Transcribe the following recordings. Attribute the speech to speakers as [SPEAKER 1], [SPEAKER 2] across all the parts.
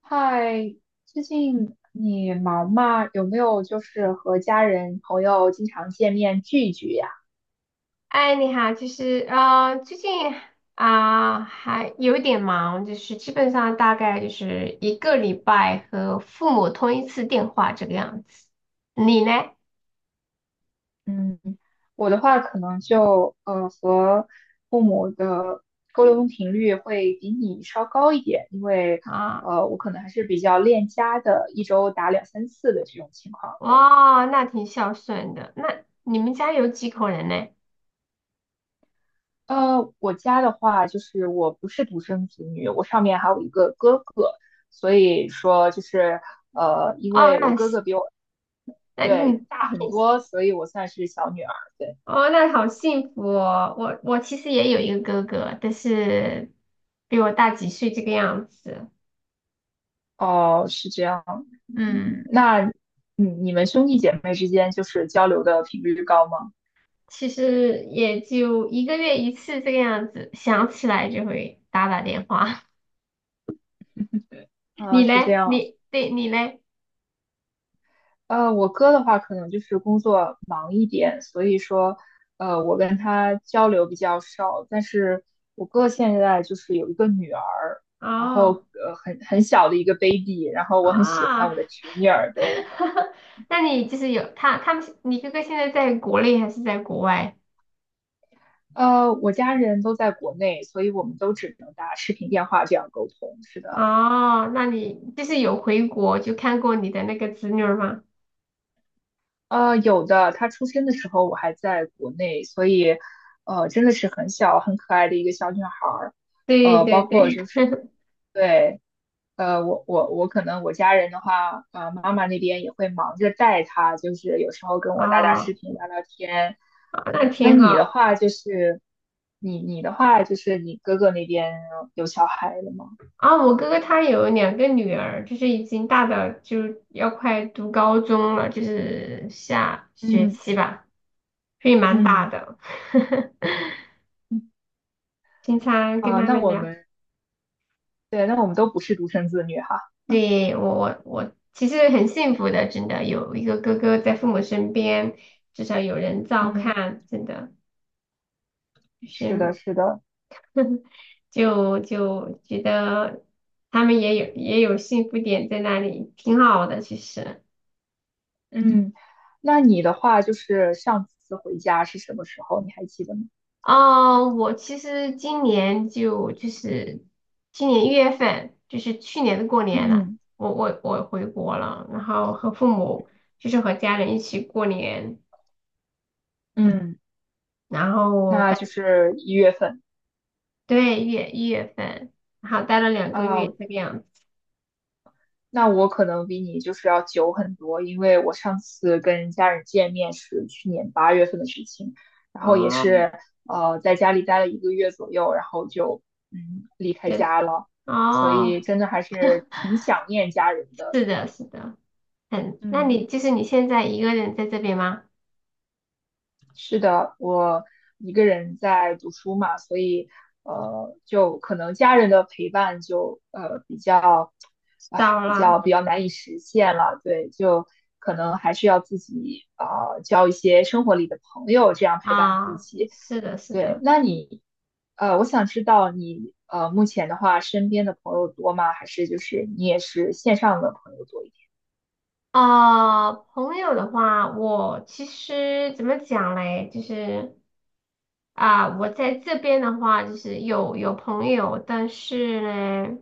[SPEAKER 1] 嗨，最近你忙吗？有没有就是和家人朋友经常见面聚一聚呀？
[SPEAKER 2] 哎，你好，就是啊，最近还有一点忙，就是基本上大概就是一个礼拜和父母通一次电话这个样子。你呢？
[SPEAKER 1] 嗯，我的话可能就和父母的沟通频率会比你稍高一点，因为
[SPEAKER 2] 啊，
[SPEAKER 1] 我可能还是比较恋家的，一周打两三次的这种情况。对，
[SPEAKER 2] 哇，那挺孝顺的。那你们家有几口人呢？
[SPEAKER 1] 我家的话就是我不是独生子女，我上面还有一个哥哥，所以说就是因
[SPEAKER 2] 哦，
[SPEAKER 1] 为我
[SPEAKER 2] 那
[SPEAKER 1] 哥
[SPEAKER 2] 是
[SPEAKER 1] 哥比我。
[SPEAKER 2] 那
[SPEAKER 1] 对，
[SPEAKER 2] 你
[SPEAKER 1] 大很多，所以我算是小女儿。对，
[SPEAKER 2] 哦，那好幸福哦。我其实也有一个哥哥，但是比我大几岁这个样子。
[SPEAKER 1] 哦，是这样。
[SPEAKER 2] 嗯。
[SPEAKER 1] 那你们兄弟姐妹之间就是交流的频率高吗？
[SPEAKER 2] 其实也就一个月一次这个样子，想起来就会打打电话。
[SPEAKER 1] 对，啊，
[SPEAKER 2] 你
[SPEAKER 1] 是这
[SPEAKER 2] 嘞？
[SPEAKER 1] 样。
[SPEAKER 2] 你对你嘞？
[SPEAKER 1] 我哥的话可能就是工作忙一点，所以说，我跟他交流比较少。但是我哥现在就是有一个女儿，然
[SPEAKER 2] 哦
[SPEAKER 1] 后很小的一个 baby，然后我很喜欢
[SPEAKER 2] 啊，
[SPEAKER 1] 我的侄女儿，对，
[SPEAKER 2] 那你就是有他们是你哥哥现在在国内还是在国外？
[SPEAKER 1] 我家人都在国内，所以我们都只能打视频电话这样沟通。是的，
[SPEAKER 2] 哦，那你就是有回国就看过你的那个侄女儿吗？
[SPEAKER 1] 有的，他出生的时候我还在国内，所以，真的是很小很可爱的一个小女孩儿。
[SPEAKER 2] 对
[SPEAKER 1] 包
[SPEAKER 2] 对
[SPEAKER 1] 括
[SPEAKER 2] 对，
[SPEAKER 1] 就是对，我可能我家人的话，妈妈那边也会忙着带她，就是有时候跟我打打视
[SPEAKER 2] 哦，
[SPEAKER 1] 频聊聊天。
[SPEAKER 2] 啊
[SPEAKER 1] 对，
[SPEAKER 2] 那
[SPEAKER 1] 那
[SPEAKER 2] 挺
[SPEAKER 1] 你的
[SPEAKER 2] 好。
[SPEAKER 1] 话就是你哥哥那边有小孩了吗？
[SPEAKER 2] 啊，我哥哥他有两个女儿，就是已经大的，就要快读高中了，就是下学
[SPEAKER 1] 嗯
[SPEAKER 2] 期吧，所以蛮大
[SPEAKER 1] 嗯。
[SPEAKER 2] 的。经常跟
[SPEAKER 1] 啊，
[SPEAKER 2] 他
[SPEAKER 1] 那
[SPEAKER 2] 们
[SPEAKER 1] 我
[SPEAKER 2] 聊，
[SPEAKER 1] 们对，那我们都不是独生子女哈。
[SPEAKER 2] 对，我其实很幸福的，真的有一个哥哥在父母身边，至少有人照
[SPEAKER 1] 嗯，
[SPEAKER 2] 看，真的就
[SPEAKER 1] 是的，
[SPEAKER 2] 是
[SPEAKER 1] 是的。
[SPEAKER 2] 就觉得他们也有幸福点在那里，挺好的其实。
[SPEAKER 1] 嗯，那你的话就是上次回家是什么时候？你还记得吗？
[SPEAKER 2] 啊，我其实今年就是今年一月份，就是去年的过年了，
[SPEAKER 1] 嗯
[SPEAKER 2] 我回国了，然后和父母就是和家人一起过年，
[SPEAKER 1] 嗯，
[SPEAKER 2] 然后
[SPEAKER 1] 那就
[SPEAKER 2] 待
[SPEAKER 1] 是一月份
[SPEAKER 2] 对一月份，然后待了两个月
[SPEAKER 1] 啊。
[SPEAKER 2] 这个样子。
[SPEAKER 1] 那我可能比你就是要久很多，因为我上次跟家人见面是去年八月份的事情，然后也
[SPEAKER 2] 哦，
[SPEAKER 1] 是在家里待了一个月左右，然后就离开
[SPEAKER 2] 就是
[SPEAKER 1] 家了，所
[SPEAKER 2] 哦，
[SPEAKER 1] 以真的还是挺想念家人的。
[SPEAKER 2] 是
[SPEAKER 1] 对，
[SPEAKER 2] 的，是的，很那
[SPEAKER 1] 嗯，
[SPEAKER 2] 你就是你现在一个人在这边吗？
[SPEAKER 1] 是的，我一个人在读书嘛，所以就可能家人的陪伴就比较，哎，
[SPEAKER 2] 少
[SPEAKER 1] 比较
[SPEAKER 2] 了
[SPEAKER 1] 比较难以实现了。对，就可能还是要自己交一些生活里的朋友，这样陪伴自
[SPEAKER 2] 啊，
[SPEAKER 1] 己。
[SPEAKER 2] 是的，是
[SPEAKER 1] 对，
[SPEAKER 2] 的。
[SPEAKER 1] 那你我想知道你目前的话，身边的朋友多吗？还是就是你也是线上的朋友多一点？
[SPEAKER 2] 朋友的话，我其实怎么讲嘞？就是我在这边的话，就是有朋友，但是呢，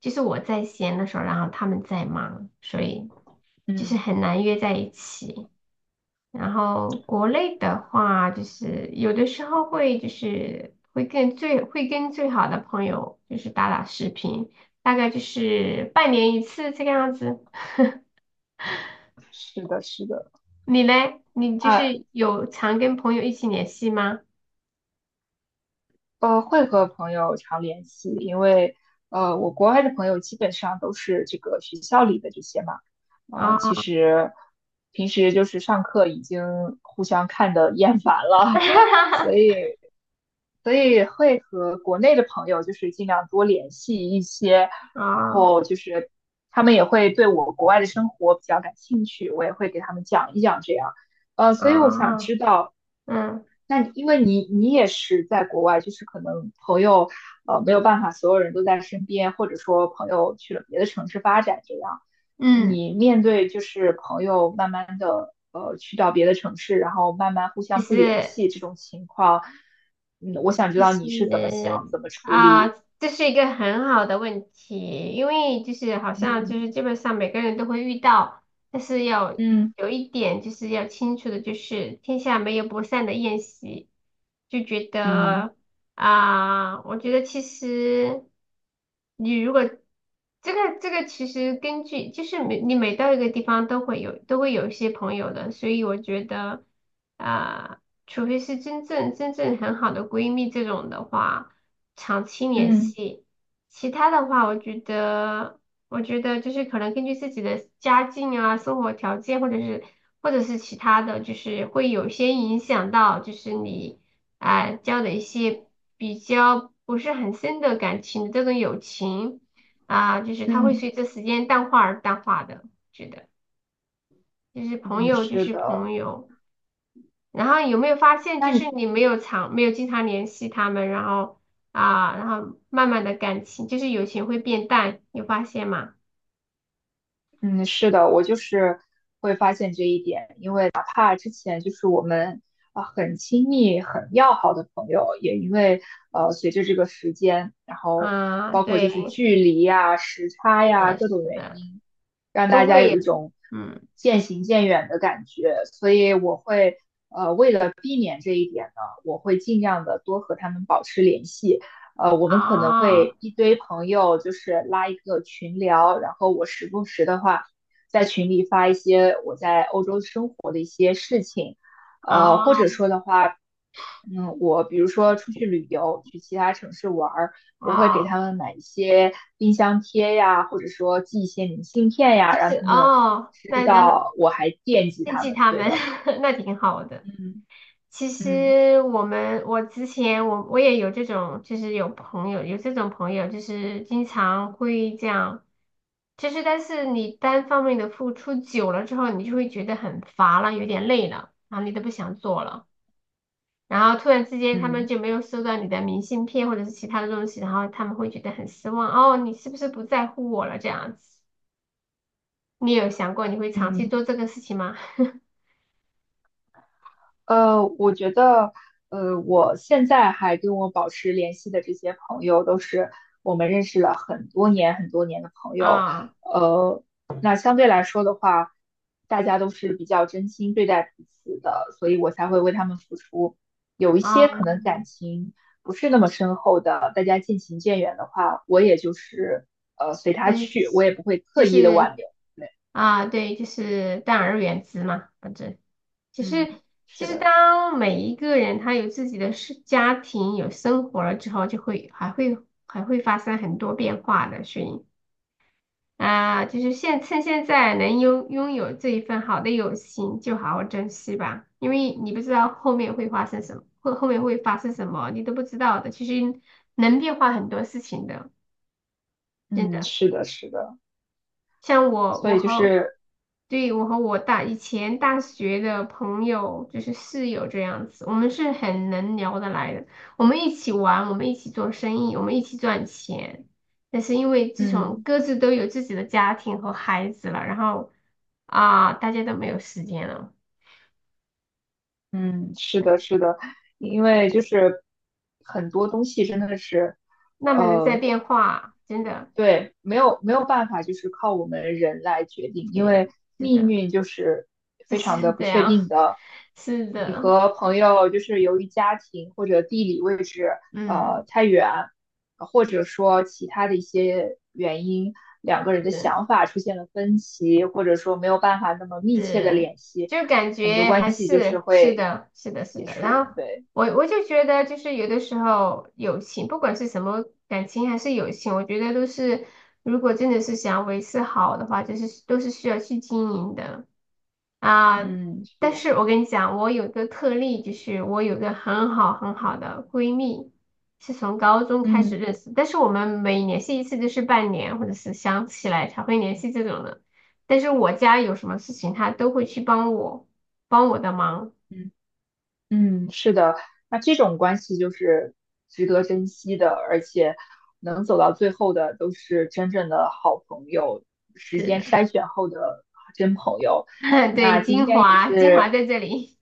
[SPEAKER 2] 就是我在闲的时候，然后他们在忙，所以就是
[SPEAKER 1] 嗯，
[SPEAKER 2] 很难约在一起。然后国内的话，就是有的时候会就是会跟最好的朋友就是打打视频，大概就是半年一次这个样子。
[SPEAKER 1] 是的，是的。
[SPEAKER 2] 你嘞？你就
[SPEAKER 1] 那
[SPEAKER 2] 是有常跟朋友一起联系吗？
[SPEAKER 1] 会和朋友常联系，因为我国外的朋友基本上都是这个学校里的这些嘛，
[SPEAKER 2] 啊
[SPEAKER 1] 其实平时就是上课已经互相看得厌烦了，所
[SPEAKER 2] 啊
[SPEAKER 1] 以会和国内的朋友就是尽量多联系一些，然
[SPEAKER 2] 啊
[SPEAKER 1] 后就是他们也会对我国外的生活比较感兴趣，我也会给他们讲一讲这样，所以我想
[SPEAKER 2] 啊！
[SPEAKER 1] 知道。
[SPEAKER 2] 嗯
[SPEAKER 1] 那你因为你也是在国外，就是可能朋友没有办法，所有人都在身边，或者说朋友去了别的城市发展这样，
[SPEAKER 2] 嗯，
[SPEAKER 1] 你面对就是朋友慢慢的去到别的城市，然后慢慢互
[SPEAKER 2] 就
[SPEAKER 1] 相不联
[SPEAKER 2] 是
[SPEAKER 1] 系这种情况，嗯，我想知
[SPEAKER 2] 就
[SPEAKER 1] 道你是怎么
[SPEAKER 2] 是
[SPEAKER 1] 想，怎么处
[SPEAKER 2] 啊，
[SPEAKER 1] 理。
[SPEAKER 2] 这是一个很好的问题，因为就是好像就
[SPEAKER 1] 嗯
[SPEAKER 2] 是基本上每个人都会遇到，但是要
[SPEAKER 1] 嗯
[SPEAKER 2] 有一点就是要清楚的，就是天下没有不散的宴席，就觉
[SPEAKER 1] 嗯
[SPEAKER 2] 得啊，我觉得其实你如果这个其实根据就是每到一个地方都会有一些朋友的，所以我觉得啊。除非是真正很好的闺蜜这种的话，长期联
[SPEAKER 1] 嗯
[SPEAKER 2] 系。其他的话，我觉得，我觉得就是可能根据自己的家境啊、生活条件，或者是其他的，就是会有些影响到，就是你交的一些比较不是很深的感情的这种友情就是它会
[SPEAKER 1] 嗯
[SPEAKER 2] 随着时间淡化而淡化的。觉得就是朋
[SPEAKER 1] 嗯，嗯，
[SPEAKER 2] 友就
[SPEAKER 1] 是
[SPEAKER 2] 是
[SPEAKER 1] 的。
[SPEAKER 2] 朋友。然后有没有发现，
[SPEAKER 1] 那
[SPEAKER 2] 就是
[SPEAKER 1] 你
[SPEAKER 2] 你没有经常联系他们，然后啊，然后慢慢的感情就是友情会变淡，有发现吗？
[SPEAKER 1] 嗯，是的，我就是会发现这一点，因为哪怕之前就是我们啊、很亲密、很要好的朋友，也因为随着这个时间，然后
[SPEAKER 2] 啊，
[SPEAKER 1] 包括就是
[SPEAKER 2] 对，
[SPEAKER 1] 距离呀、时差
[SPEAKER 2] 是
[SPEAKER 1] 呀
[SPEAKER 2] 的，
[SPEAKER 1] 各种
[SPEAKER 2] 是
[SPEAKER 1] 原
[SPEAKER 2] 的，
[SPEAKER 1] 因，让大
[SPEAKER 2] 都
[SPEAKER 1] 家
[SPEAKER 2] 会
[SPEAKER 1] 有一
[SPEAKER 2] 有，
[SPEAKER 1] 种
[SPEAKER 2] 嗯，
[SPEAKER 1] 渐行渐远的感觉。所以我会为了避免这一点呢，我会尽量的多和他们保持联系。我们可能
[SPEAKER 2] 哦，
[SPEAKER 1] 会一堆朋友就是拉一个群聊，然后我时不时的话在群里发一些我在欧洲生活的一些事情，或者
[SPEAKER 2] 哦，
[SPEAKER 1] 说的话，我比如说出去旅游，去其他城市玩儿，我会给
[SPEAKER 2] 哦，
[SPEAKER 1] 他们买一些冰箱贴呀，或者说寄一些明信片呀，
[SPEAKER 2] 就
[SPEAKER 1] 让
[SPEAKER 2] 是
[SPEAKER 1] 他们
[SPEAKER 2] 哦，
[SPEAKER 1] 知
[SPEAKER 2] 那那
[SPEAKER 1] 道我还惦记
[SPEAKER 2] 惦
[SPEAKER 1] 他
[SPEAKER 2] 记
[SPEAKER 1] 们。
[SPEAKER 2] 他
[SPEAKER 1] 对
[SPEAKER 2] 们，
[SPEAKER 1] 的，
[SPEAKER 2] 那挺好的。
[SPEAKER 1] 嗯
[SPEAKER 2] 其
[SPEAKER 1] 嗯
[SPEAKER 2] 实我们，我之前我也有这种，就是有这种朋友，就是经常会这样，其实，但是你单方面的付出久了之后，你就会觉得很乏了，有点累了，然后你都不想做了，然后突然之间他们
[SPEAKER 1] 嗯
[SPEAKER 2] 就没有收到你的明信片或者是其他的东西，然后他们会觉得很失望，哦，你是不是不在乎我了这样子？你有想过你会长期
[SPEAKER 1] 嗯。
[SPEAKER 2] 做这个事情吗？
[SPEAKER 1] 我觉得，我现在还跟我保持联系的这些朋友，都是我们认识了很多年、很多年的朋 友。
[SPEAKER 2] 啊
[SPEAKER 1] 呃，那相对来说的话，大家都是比较真心对待彼此的，所以我才会为他们付出。有一些
[SPEAKER 2] 啊。
[SPEAKER 1] 可能感情不是那么深厚的，大家渐行渐远的话，我也就是随
[SPEAKER 2] 就
[SPEAKER 1] 他
[SPEAKER 2] 是
[SPEAKER 1] 去，我也不会
[SPEAKER 2] 就
[SPEAKER 1] 刻意的
[SPEAKER 2] 是
[SPEAKER 1] 挽留。对，
[SPEAKER 2] 啊，对，就是淡而远之嘛，反正其实
[SPEAKER 1] 嗯，
[SPEAKER 2] 其
[SPEAKER 1] 是
[SPEAKER 2] 实
[SPEAKER 1] 的，
[SPEAKER 2] 当每一个人他有自己的事、家庭、有生活了之后，就会还会发生很多变化的，所以啊，就是趁现在能拥有这一份好的友情，就好好珍惜吧，因为你不知道后面会发生什么，后面会发生什么，你都不知道的，其实能变化很多事情的，真
[SPEAKER 1] 嗯，
[SPEAKER 2] 的。
[SPEAKER 1] 是的，是的，
[SPEAKER 2] 像我，
[SPEAKER 1] 所
[SPEAKER 2] 我
[SPEAKER 1] 以就
[SPEAKER 2] 和，
[SPEAKER 1] 是，
[SPEAKER 2] 对，我和我大以前大学的朋友，就是室友这样子，我们是很能聊得来的。我们一起玩，我们一起做生意，我们一起赚钱。但是因为自从
[SPEAKER 1] 嗯。
[SPEAKER 2] 各自都有自己的家庭和孩子了，然后啊，大家都没有时间了，
[SPEAKER 1] 嗯，是的，是的，因为就是很多东西真的是，
[SPEAKER 2] 慢慢的在
[SPEAKER 1] 呃，
[SPEAKER 2] 变化，真的，
[SPEAKER 1] 对，没有办法，就是靠我们人来决定，因
[SPEAKER 2] 对，
[SPEAKER 1] 为
[SPEAKER 2] 是
[SPEAKER 1] 命
[SPEAKER 2] 的，
[SPEAKER 1] 运就是
[SPEAKER 2] 就
[SPEAKER 1] 非常的
[SPEAKER 2] 是
[SPEAKER 1] 不
[SPEAKER 2] 这
[SPEAKER 1] 确
[SPEAKER 2] 样，
[SPEAKER 1] 定的。
[SPEAKER 2] 是
[SPEAKER 1] 你
[SPEAKER 2] 的，
[SPEAKER 1] 和朋友就是由于家庭或者地理位置
[SPEAKER 2] 嗯。
[SPEAKER 1] 太远，或者说其他的一些原因，两个人的
[SPEAKER 2] 是
[SPEAKER 1] 想法出现了分歧，或者说没有办法那么密切的
[SPEAKER 2] 是，
[SPEAKER 1] 联系，
[SPEAKER 2] 就感
[SPEAKER 1] 很多
[SPEAKER 2] 觉
[SPEAKER 1] 关
[SPEAKER 2] 还
[SPEAKER 1] 系就是
[SPEAKER 2] 是是
[SPEAKER 1] 会
[SPEAKER 2] 的，是的，是
[SPEAKER 1] 结
[SPEAKER 2] 的。然
[SPEAKER 1] 束。
[SPEAKER 2] 后
[SPEAKER 1] 对，
[SPEAKER 2] 我就觉得，就是有的时候友情，不管是什么感情还是友情，我觉得都是，如果真的是想要维持好的话，就是都是需要去经营的啊。
[SPEAKER 1] 嗯，是
[SPEAKER 2] 但
[SPEAKER 1] 的，
[SPEAKER 2] 是我跟你讲，我有一个特例，就是我有个很好的闺蜜，是从高中开
[SPEAKER 1] 嗯。
[SPEAKER 2] 始认识，但是我们每联系一次就是半年，或者是想起来才会联系这种的。但是我家有什么事情，他都会去帮我，帮我的忙。
[SPEAKER 1] 嗯。嗯，是的，那这种关系就是值得珍惜的，而且能走到最后的都是真正的好朋友，时
[SPEAKER 2] 是
[SPEAKER 1] 间
[SPEAKER 2] 的，
[SPEAKER 1] 筛选后的真朋友。那
[SPEAKER 2] 对，
[SPEAKER 1] 今
[SPEAKER 2] 精
[SPEAKER 1] 天也
[SPEAKER 2] 华，精华
[SPEAKER 1] 是，
[SPEAKER 2] 在这里。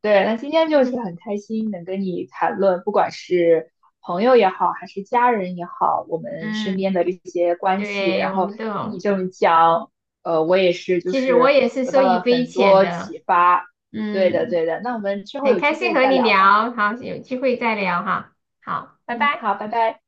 [SPEAKER 1] 对，那今天就是很 开心能跟你谈论，不管是朋友也好，还是家人也好，我们身
[SPEAKER 2] 嗯
[SPEAKER 1] 边的这些关系，
[SPEAKER 2] 对，
[SPEAKER 1] 然
[SPEAKER 2] 我
[SPEAKER 1] 后
[SPEAKER 2] 们都
[SPEAKER 1] 听你
[SPEAKER 2] 有。
[SPEAKER 1] 这么讲，我也是就
[SPEAKER 2] 其实我
[SPEAKER 1] 是
[SPEAKER 2] 也是
[SPEAKER 1] 得
[SPEAKER 2] 受
[SPEAKER 1] 到
[SPEAKER 2] 益
[SPEAKER 1] 了
[SPEAKER 2] 匪
[SPEAKER 1] 很
[SPEAKER 2] 浅
[SPEAKER 1] 多
[SPEAKER 2] 的。
[SPEAKER 1] 启发。对的，
[SPEAKER 2] 嗯，
[SPEAKER 1] 对的，那我们之后
[SPEAKER 2] 很
[SPEAKER 1] 有
[SPEAKER 2] 开
[SPEAKER 1] 机
[SPEAKER 2] 心
[SPEAKER 1] 会
[SPEAKER 2] 和
[SPEAKER 1] 再
[SPEAKER 2] 你
[SPEAKER 1] 聊吧。
[SPEAKER 2] 聊，好，有机会再聊哈。好，拜
[SPEAKER 1] 嗯，
[SPEAKER 2] 拜。
[SPEAKER 1] 好，拜拜。